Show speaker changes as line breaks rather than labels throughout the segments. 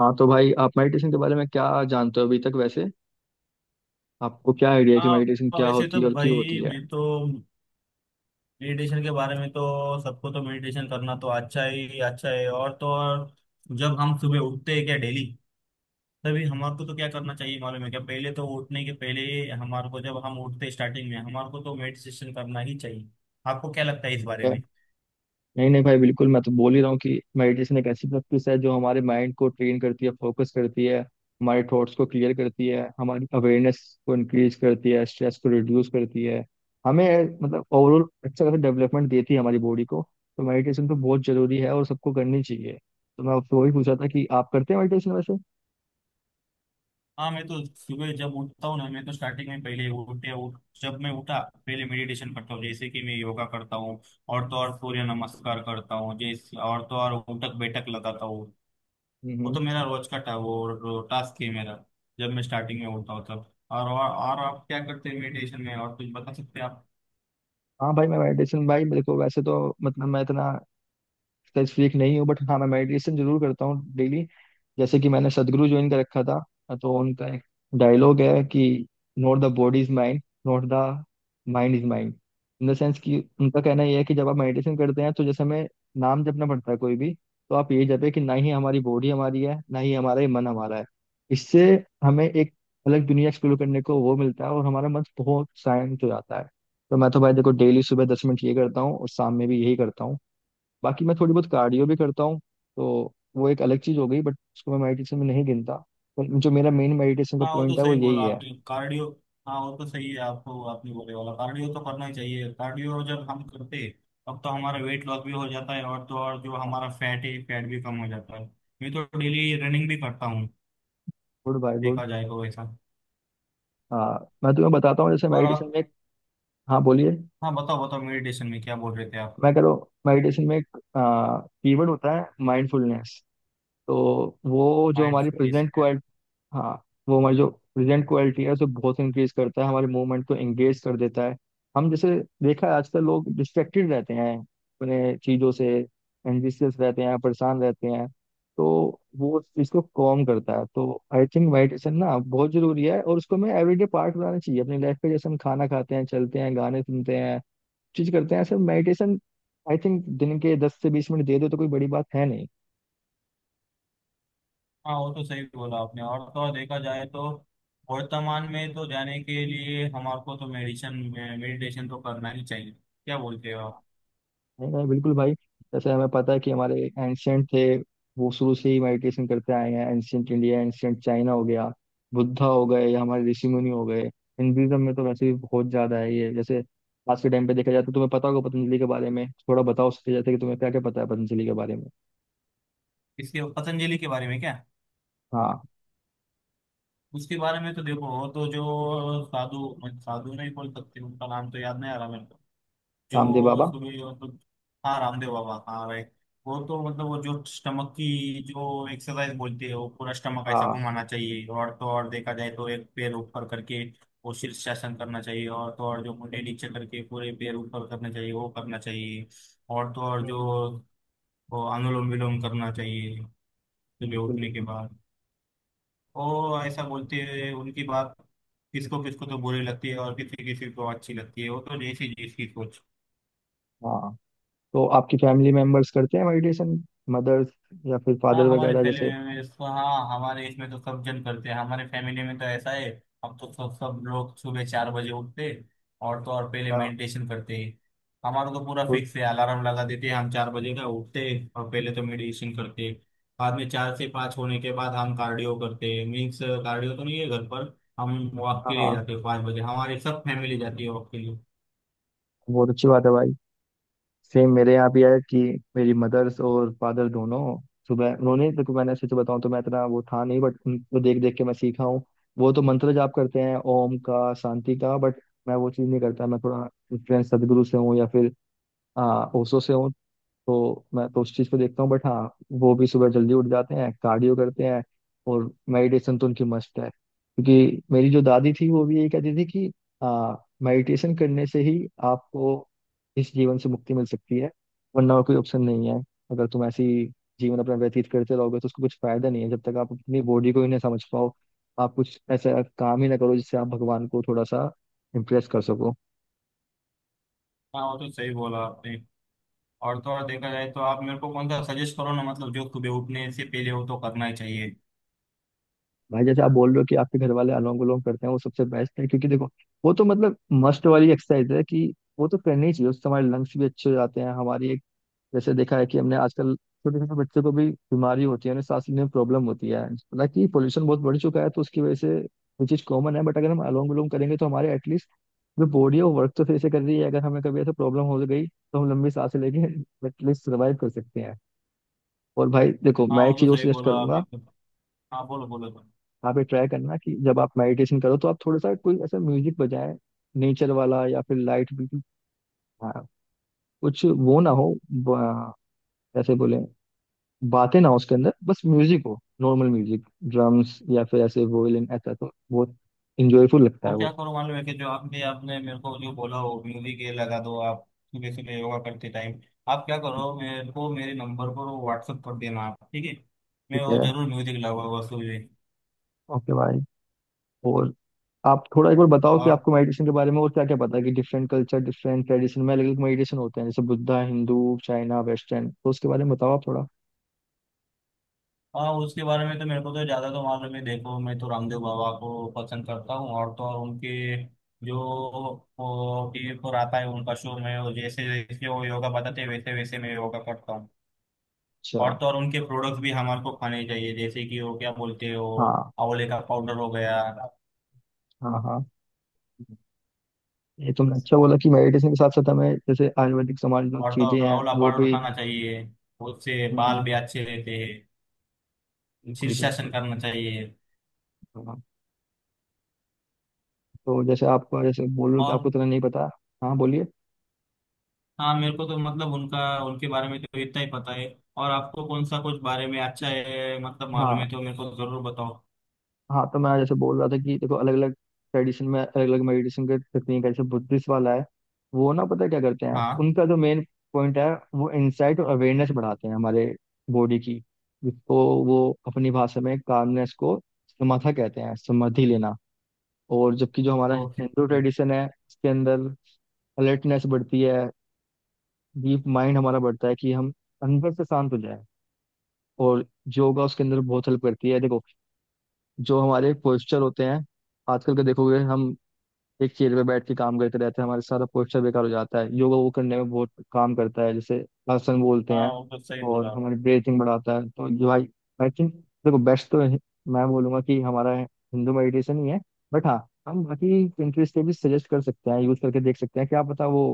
हाँ तो भाई, आप मेडिटेशन के बारे में क्या जानते हो अभी तक वैसे? आपको क्या आइडिया है कि मेडिटेशन
हाँ
क्या
वैसे
होती
तो
है और क्यों
भाई
होती है?
मैं तो मेडिटेशन के बारे में तो सबको तो मेडिटेशन करना तो अच्छा ही अच्छा है। और तो और जब हम सुबह उठते हैं क्या डेली, तभी हमारे को तो क्या करना चाहिए मालूम है? क्या पहले तो उठने के पहले हमारे को जब हम उठते हैं स्टार्टिंग में हमारे को तो मेडिटेशन करना ही चाहिए। आपको क्या लगता है इस बारे में?
है? नहीं नहीं भाई, बिल्कुल। मैं तो बोल ही रहा हूँ कि मेडिटेशन एक ऐसी प्रैक्टिस है जो हमारे माइंड को ट्रेन करती है, फोकस करती है, हमारे थॉट्स को क्लियर करती है, हमारी अवेयरनेस को इंक्रीज करती है, स्ट्रेस को रिड्यूस करती है। हमें ओवरऑल अच्छा खासा डेवलपमेंट देती है हमारी बॉडी को। तो मेडिटेशन तो बहुत जरूरी है और सबको करनी चाहिए। तो मैं आपसे वही पूछा था कि आप करते हैं मेडिटेशन वैसे।
हाँ मैं तो सुबह जब उठता हूँ ना, मैं तो स्टार्टिंग में पहले उठते उठ जब मैं उठा पहले मेडिटेशन करता हूँ। जैसे कि मैं योगा करता हूँ और तो और सूर्य नमस्कार करता हूँ। जैसे और तो और उठक बैठक लगाता हूँ।
हम्म
वो
हम्म।
तो मेरा रोज का वो टास्क है मेरा। जब मैं स्टार्टिंग में होता हूँ तब और आप क्या करते हैं मेडिटेशन में? और कुछ बता सकते हैं आप?
हाँ भाई, मैं मेडिटेशन भाई देखो, वैसे तो मैं इतना स्ट्रेस फ्रीक नहीं हूँ, बट हाँ मैं मेडिटेशन जरूर करता हूँ डेली। जैसे कि मैंने सदगुरु ज्वाइन कर रखा था, तो उनका एक डायलॉग है कि not the body is mind, not the mind is mind. In the sense कि उनका कहना यह है कि जब आप मेडिटेशन करते हैं तो जैसे हमें नाम जपना पड़ता है कोई भी, तो आप ये जपे कि ना ही हमारी बॉडी हमारी है, ना ही हमारा ये मन हमारा है। इससे हमें एक अलग दुनिया एक्सप्लोर करने को वो मिलता है, और हमारा मन बहुत शांत हो जाता है। तो मैं तो भाई देखो, डेली सुबह 10 मिनट ये करता हूँ, और शाम में भी यही करता हूँ। बाकी मैं थोड़ी बहुत कार्डियो भी करता हूँ, तो वो एक अलग चीज़ हो गई। बट उसको मैं मेडिटेशन में नहीं गिनता। पर जो मेरा मेन मेडिटेशन का
हाँ वो
पॉइंट
तो
है वो
सही
यही
बोला
है।
आपने, कार्डियो। हाँ वो तो सही है, आपको आपने बोले वाला कार्डियो तो करना ही चाहिए। कार्डियो जब हम करते हैं तब तो हमारा वेट लॉस भी हो जाता है और तो और जो हमारा फैट है फैट भी कम हो जाता है। मैं तो डेली रनिंग भी करता हूँ।
Good, bye good.
देखा जाए तो वैसा।
हाँ, मैं तुम्हें बताता हूँ, जैसे
और
मेडिटेशन में
आप?
हाँ बोलिए।
हाँ बताओ बताओ, मेडिटेशन में क्या बोल रहे थे आप?
मैं कह रहा हूँ मेडिटेशन में एक कीवर्ड होता है, माइंडफुलनेस। तो वो जो हमारी
माइंडफुलनेस।
प्रेजेंट, हाँ, वो हमारी जो प्रेजेंट क्वालिटी है उसे बहुत इंक्रीज करता है, हमारे मूवमेंट को एंगेज कर देता है। हम जैसे देखा है, आजकल लोग डिस्ट्रैक्टेड रहते हैं अपने चीज़ों से, एंजिशियस रहते हैं, परेशान रहते हैं। तो वो उस चीज़ को कम करता है। तो आई थिंक मेडिटेशन ना बहुत ज़रूरी है, और उसको हमें एवरीडे पार्ट बनाना चाहिए अपनी लाइफ में। जैसे हम खाना खाते हैं, चलते हैं, गाने सुनते हैं, चीज़ करते हैं, ऐसे मेडिटेशन। आई थिंक दिन के 10 से 20 मिनट दे दो तो कोई बड़ी बात है नहीं।
हाँ वो तो सही बोला आपने। और तो और देखा जाए तो वर्तमान में तो जाने के लिए हमारे को तो मेडिटेशन, मेडिटेशन तो करना ही चाहिए। क्या बोलते हो आप?
नहीं नहीं, बिल्कुल भाई। जैसे हमें पता है कि हमारे एंशियंट थे, वो शुरू से ही मेडिटेशन करते आए हैं। एंशियंट इंडिया, एंशियंट चाइना हो गया, बुद्धा हो गए, या हमारे ऋषि मुनि हो गए। हिंदुइज्म में तो वैसे भी बहुत ज्यादा है ये। जैसे आज के टाइम पे देखा जाए तो तुम्हें पता होगा, पतंजलि के बारे में थोड़ा बताओ उसके। जैसे कि तुम्हें क्या क्या पता है पतंजलि के बारे में?
इसके, पतंजलि के बारे में क्या?
हाँ
उसके बारे में तो देखो, और तो जो साधु, साधु नहीं बोल सकते, उनका नाम तो याद नहीं आ रहा मेरे को,
रामदेव बाबा,
जो सुबह मतलब। हाँ रामदेव बाबा, हाँ राइट। वो तो मतलब वो जो स्टमक की जो एक्सरसाइज बोलते हैं, वो पूरा स्टमक ऐसा
हाँ।
घुमाना चाहिए। और तो और देखा जाए तो एक पैर ऊपर करके वो शीर्षासन करना चाहिए। और तो और जो मुंडे नीचे करके पूरे पैर ऊपर करना चाहिए, वो करना चाहिए। और तो और
हम्म,
जो वो अनुलोम विलोम करना चाहिए सुबह
बिल्कुल
उठने के
बिल्कुल।
बाद। वो ऐसा बोलते हैं, उनकी बात किसको किसको तो बुरी लगती है और किसी किसी को अच्छी लगती है। वो तो जैसी जैसी सोच।
हाँ, तो आपकी फैमिली मेंबर्स करते हैं मेडिटेशन? मदर्स या फिर
हाँ
फादर
हमारे
वगैरह
फैमिली
जैसे?
में इसको, हाँ हमारे इसमें तो सब जन करते हैं, हमारे फैमिली में तो ऐसा है। हम तो सब सब लोग सुबह 4 बजे उठते हैं, और तो और पहले
हाँ
मेडिटेशन करते हैं। हमारा तो पूरा
हाँ
फिक्स है, अलार्म लगा देते हैं, हम 4 बजे का उठते हैं और पहले तो मेडिटेशन करते हैं। बाद में 4 से 5 होने के बाद हम कार्डियो करते हैं। मीन्स कार्डियो तो नहीं है घर पर, हम वॉक के लिए
हाँ,
जाते हैं। 5 बजे हमारी सब फैमिली जाती है वॉक के लिए।
बहुत अच्छी बात है भाई। सेम मेरे यहाँ भी है कि मेरी मदर्स और फादर दोनों सुबह, उन्होंने, देखो मैंने सच बताऊं तो मैं इतना वो था नहीं, बट उनको देख देख के मैं सीखा हूँ। वो तो मंत्र जाप करते हैं ओम का, शांति का। बट मैं वो चीज़ नहीं करता, मैं थोड़ा इन्फ्लुएंस सदगुरु से हूँ या फिर ओशो से हूँ। तो मैं तो उस चीज़ को देखता हूँ। बट हाँ, वो भी सुबह जल्दी उठ जाते हैं, कार्डियो करते हैं। और मेडिटेशन तो उनकी मस्त है, क्योंकि मेरी जो दादी थी, वो भी यही कहती थी कि हाँ, मेडिटेशन करने से ही आपको इस जीवन से मुक्ति मिल सकती है, वरना और कोई ऑप्शन नहीं है। अगर तुम ऐसी जीवन अपना व्यतीत करते रहोगे तो उसका कुछ फायदा नहीं है, जब तक आप अपनी बॉडी को ही ना समझ पाओ, आप कुछ ऐसा काम ही ना करो जिससे आप भगवान को थोड़ा सा इम्प्रेस कर सको।
हाँ वो तो सही बोला आपने। और तो और देखा जाए तो आप मेरे को कौन सा सजेस्ट करो ना, मतलब जो सुबह उठने से पहले वो तो करना ही चाहिए।
भाई, जैसे आप बोल रहे हो कि आपके घर वाले अलोंग विलोंग करते हैं, वो सबसे बेस्ट है। क्योंकि देखो, वो तो मस्ट वाली एक्सरसाइज है कि वो तो करनी ही चाहिए। उससे हमारे लंग्स भी अच्छे हो जाते हैं, हमारी एक, जैसे देखा है कि हमने आजकल छोटे छोटे बच्चों को भी बीमारी होती है, उन्हें सांस लेने में प्रॉब्लम होती है। हालांकि पोल्यूशन बहुत बढ़ चुका है, तो उसकी वजह से ये चीज कॉमन है। बट अगर हम अलोंग विलोंग करेंगे तो हमारे एटलीस्ट जो बॉडी है वो वर्क तो फिर से कर रही है। अगर हमें कभी ऐसा प्रॉब्लम हो गई तो हम लंबी सांसें लेके एटलीस्ट सर्वाइव कर सकते हैं। और भाई देखो,
हाँ
मैं
वो
एक
तो
चीज और
सही
सजेस्ट
बोला आप
करूंगा।
एकदम। हाँ बोलो बोलो बोलो।
आप ये ट्राई करना कि जब आप मेडिटेशन करो तो आप थोड़ा सा कोई ऐसा म्यूजिक बजाए, नेचर वाला, या फिर लाइट बिल्कुल, हाँ, कुछ वो ना हो, ब- कैसे बोले, बातें ना हो उसके अंदर, बस म्यूजिक हो, नॉर्मल म्यूजिक, ड्रम्स या फिर ऐसे वोयलिन, ऐसा तो बहुत इंजॉयफुल लगता है
और क्या
वो।
करो मालूम है कि जो आपने आपने मेरे को जो बोला हो म्यूजिक, ये लगा दो आप सुबह सुबह योगा करते टाइम। आप क्या करो, मेरे को मेरे नंबर पर वो व्हाट्सअप कर देना आप, ठीक है? मैं
ठीक
वो
है,
जरूर म्यूजिक लगाऊंगा सुबह।
ओके भाई। और आप थोड़ा एक बार बताओ कि
और।
आपको मेडिटेशन के बारे में और क्या क्या पता है, कि डिफरेंट कल्चर, डिफरेंट ट्रेडिशन में अलग अलग मेडिटेशन होते हैं, जैसे बुद्धा, हिंदू, चाइना, वेस्टर्न, तो उसके बारे में बताओ आप थोड़ा।
हाँ उसके बारे में तो मेरे को तो ज्यादा तो मालूम है। देखो मैं तो रामदेव बाबा को पसंद करता हूँ और तो और उनके जो वो टीवी पर आता है उनका शो, मैं वो जैसे जैसे वो योगा बताते हैं वैसे वैसे मैं योगा करता हूँ। और
अच्छा।
तो और उनके प्रोडक्ट्स भी हमारे को खाने चाहिए, जैसे कि वो क्या बोलते हो,
हाँ
आंवले का पाउडर हो गया।
हाँ। हाँ, ये तुमने अच्छा बोला कि मेडिटेशन के साथ साथ हमें, जैसे आयुर्वेदिक समाज में
और तो
चीजें
और
हैं,
आंवला
वो
पाउडर
भी।
खाना चाहिए, उससे
हम्म
बाल
हम्म,
भी अच्छे रहते हैं।
बिल्कुल
शीर्षासन
बिल्कुल।
करना चाहिए।
हाँ, तो जैसे आपको, जैसे बोल रहे हो कि आपको
और।
इतना नहीं पता। हाँ बोलिए।
हाँ मेरे को तो मतलब उनका, उनके बारे में तो इतना ही पता है। और आपको कौन सा कुछ बारे में अच्छा है मतलब मालूम है
हाँ
तो मेरे को जरूर बताओ।
हाँ, तो मैं जैसे बोल रहा था कि देखो, अलग अलग ट्रेडिशन में अलग अलग मेडिटेशन के तकनीक है। जैसे बुद्धिस्ट वाला है, वो ना, पता है क्या करते हैं?
हाँ।
उनका जो मेन पॉइंट है, वो इंसाइट और अवेयरनेस बढ़ाते हैं हमारे बॉडी की, जिसको वो अपनी भाषा में कामनेस को समाधा कहते हैं, समाधि लेना। और जबकि जो हमारा
ओके।
हिंदू ट्रेडिशन है, इसके अंदर अलर्टनेस बढ़ती है, डीप माइंड हमारा बढ़ता है कि हम अंदर से शांत हो जाए। और योगा उसके अंदर बहुत हेल्प करती है। देखो, जो हमारे पोस्चर होते हैं आजकल के, देखोगे, हम एक चेयर पे बैठ के काम करते रहते हैं, हमारे सारा पोस्चर बेकार हो जाता है। योगा वो करने में बहुत काम करता है, जैसे आसन बोलते
हाँ
हैं,
वो तो सही
और
बोला।
हमारी ब्रीथिंग बढ़ाता है। तो जो आई आई थिंक, देखो, मैं बोलूंगा कि हमारा हिंदू मेडिटेशन ही है। बट हाँ, हम बाकी कंट्रीज के भी सजेस्ट कर सकते हैं, यूज करके देख सकते हैं, क्या पता वो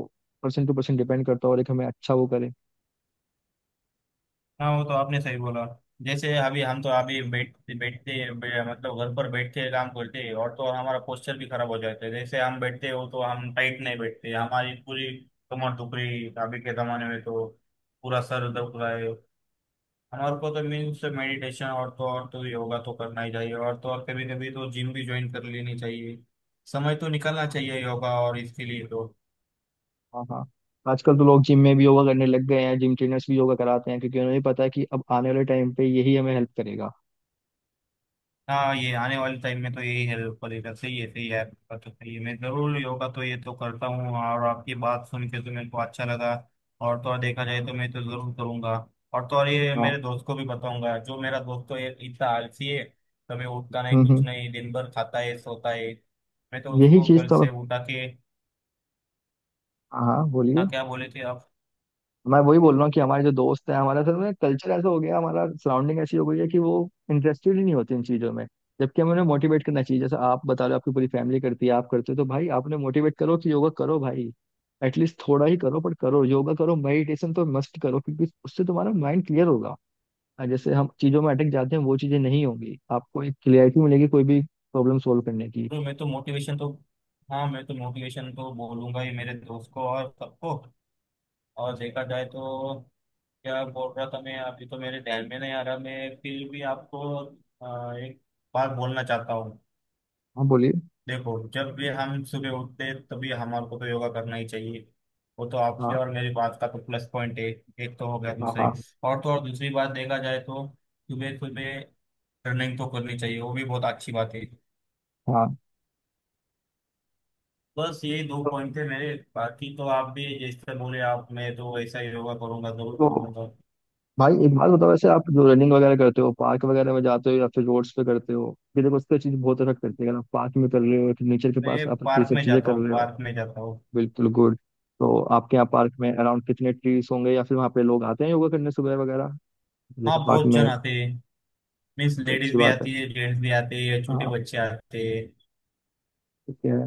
पर्सन टू पर्सन डिपेंड करता है और एक हमें अच्छा वो करे।
हाँ वो तो आपने सही बोला। जैसे अभी हम तो अभी मतलब घर पर बैठ के काम करते हैं और तो हमारा पोस्चर भी खराब हो जाता है। जैसे हम बैठते हो तो हम टाइट नहीं बैठते, हमारी पूरी कमर दुख रही है अभी के जमाने में तो, पूरा सर दुख रहा है। हमारे को तो मीन्स मेडिटेशन और तो योगा तो करना ही चाहिए। और तो और कभी कभी तो जिम भी ज्वाइन कर लेनी चाहिए। समय तो निकालना चाहिए योगा और इसके लिए तो।
हाँ हाँ, आजकल तो लोग जिम में भी योगा करने लग गए हैं, जिम ट्रेनर्स भी योगा कराते हैं, क्योंकि उन्हें भी पता है कि अब आने वाले टाइम पे यही हमें हेल्प करेगा।
हाँ ये आने वाले टाइम में तो यही हेल्प करेगा। सही है सही है, आपका तो सही है। मैं जरूर योगा तो ये तो करता हूँ और आपकी बात सुन के तो मेरे को अच्छा लगा। और तो और देखा जाए तो मैं तो जरूर करूँगा। और तो और ये मेरे
हाँ,
दोस्त को भी बताऊंगा, जो मेरा दोस्त तो ये इतना आलसी है, कभी उठता नहीं
हम्म हम्म।
कुछ नहीं, दिन भर खाता है सोता है। मैं तो
यही
उसको
चीज
कल
तो,
से उठा के।
हाँ हाँ, बोलिए।
हाँ क्या बोले थे आप?
मैं वही बोल रहा हूँ कि हमारे जो दोस्त हैं, हमारा असल में कल्चर ऐसा हो गया, हमारा सराउंडिंग ऐसी हो गई है कि वो इंटरेस्टेड ही नहीं होते इन चीज़ों में। जबकि हमें उन्हें मोटिवेट करना चाहिए। जैसे आप बता रहे हो, आपकी पूरी फैमिली करती है, आप करते हो, तो भाई आपने मोटिवेट करो कि योगा करो भाई, एटलीस्ट थोड़ा ही करो पर करो, योगा करो, मेडिटेशन तो मस्ट करो, क्योंकि उससे तुम्हारा माइंड क्लियर होगा। और जैसे हम चीज़ों में अटक जाते हैं, वो चीज़ें नहीं होंगी, आपको एक क्लियरिटी मिलेगी कोई भी प्रॉब्लम सोल्व करने की।
तो मैं तो मोटिवेशन तो, हाँ मैं तो मोटिवेशन तो बोलूंगा ही मेरे दोस्त को और सबको। और देखा जाए तो क्या बोल रहा था मैं अभी तो मेरे ध्यान में नहीं आ रहा। मैं फिर भी आपको एक बात बोलना चाहता हूँ।
हाँ बोलिए।
देखो जब भी हम सुबह उठते हैं, तभी हमारे को तो योगा करना ही चाहिए। वो तो आपकी
हाँ
और मेरी बात का तो प्लस पॉइंट है। एक तो हो गया,
हाँ
दूसरी।
हाँ
और तो और दूसरी बात देखा जाए तो सुबह सुबह रनिंग तो करनी चाहिए, वो भी बहुत अच्छी बात है।
हाँ।
बस यही दो पॉइंट थे मेरे, बाकी तो आप भी जैसे बोले आप, मैं तो ऐसा ही योगा करूंगा, जरूर
तो
करूंगा।
भाई एक बात बताओ, वैसे आप जो रनिंग वगैरह करते हो, पार्क वगैरह में जाते हो या फिर रोड्स पे करते हो? ये देखो, उसका चीज बहुत इफेक्ट करती है। अगर आप पार्क में कर रहे हो, फिर नेचर के
मैं
पास आप ये
पार्क
सब
में
चीजें
जाता
कर
हूँ,
रहे हो।
पार्क में जाता हूँ।
बिल्कुल, गुड। तो आपके यहाँ पार्क में अराउंड कितने ट्रीज होंगे, या फिर वहाँ पे लोग आते हैं योगा करने सुबह वगैरह,
हाँ
जैसे पार्क
बहुत जन
में?
आते हैं। मीन्स
तो
लेडीज
अच्छी
भी
बात है।
आती है, जेंट्स भी आते हैं, छोटे
हाँ,
बच्चे आते हैं।
ठीक है।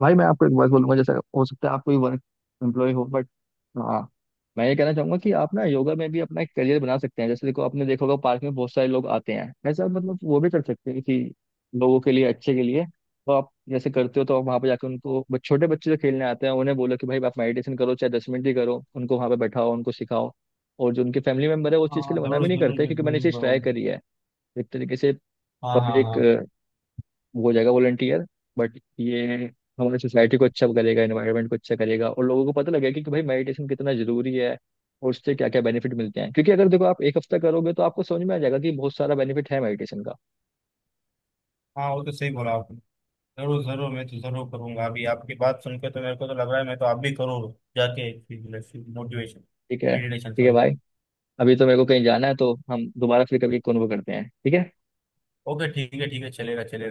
भाई मैं आपको एक बात बोलूंगा, जैसे हो सकता है आप कोई वर्क एम्प्लॉय हो, बट हाँ, मैं ये कहना चाहूंगा कि आप ना योगा में भी अपना एक करियर बना सकते हैं। जैसे देखो, आपने देखा होगा पार्क में बहुत सारे लोग आते हैं, ऐसा वो भी कर सकते हैं कि लोगों के लिए, अच्छे के लिए। तो आप जैसे करते हो, तो आप वहाँ पे जाकर उनको, छोटे बच्चे जो खेलने आते हैं, उन्हें बोलो कि भाई आप मेडिटेशन करो, चाहे 10 मिनट ही करो, उनको वहाँ पे बैठाओ, उनको सिखाओ। और जो उनके फैमिली मेम्बर है, वो उस
हाँ
चीज़ के
हाँ,
लिए मना
जरूर
भी नहीं
जरूर
करते,
मैं
क्योंकि मैंने ये चीज़
बोलूंगा वो।
ट्राई करी है। एक तरीके से
हाँ हाँ
पब्लिक,
हाँ।
वो हो जाएगा वॉलंटियर। बट ये हमारी सोसाइटी को अच्छा करेगा, एनवायरनमेंट को अच्छा करेगा, और लोगों को पता लगेगा कि, भाई मेडिटेशन कितना जरूरी है और उससे क्या क्या बेनिफिट मिलते हैं। क्योंकि अगर देखो, आप एक हफ्ता करोगे तो आपको समझ में आ जाएगा कि बहुत सारा बेनिफिट है मेडिटेशन का।
हाँ वो तो सही बोला आपने। जरूर जरूर मैं तो जरूर करूंगा। अभी आपकी बात सुनकर तो मेरे को तो लग रहा है मैं तो आप भी करूँ जाके। मोटिवेशन। मेडिटेशन
ठीक है
सॉरी।
भाई, अभी तो मेरे को कहीं जाना है, तो हम दोबारा फिर कभी कॉन्वर्ट करते हैं, ठीक है।
ओके ठीक है ठीक है, चलेगा चलेगा।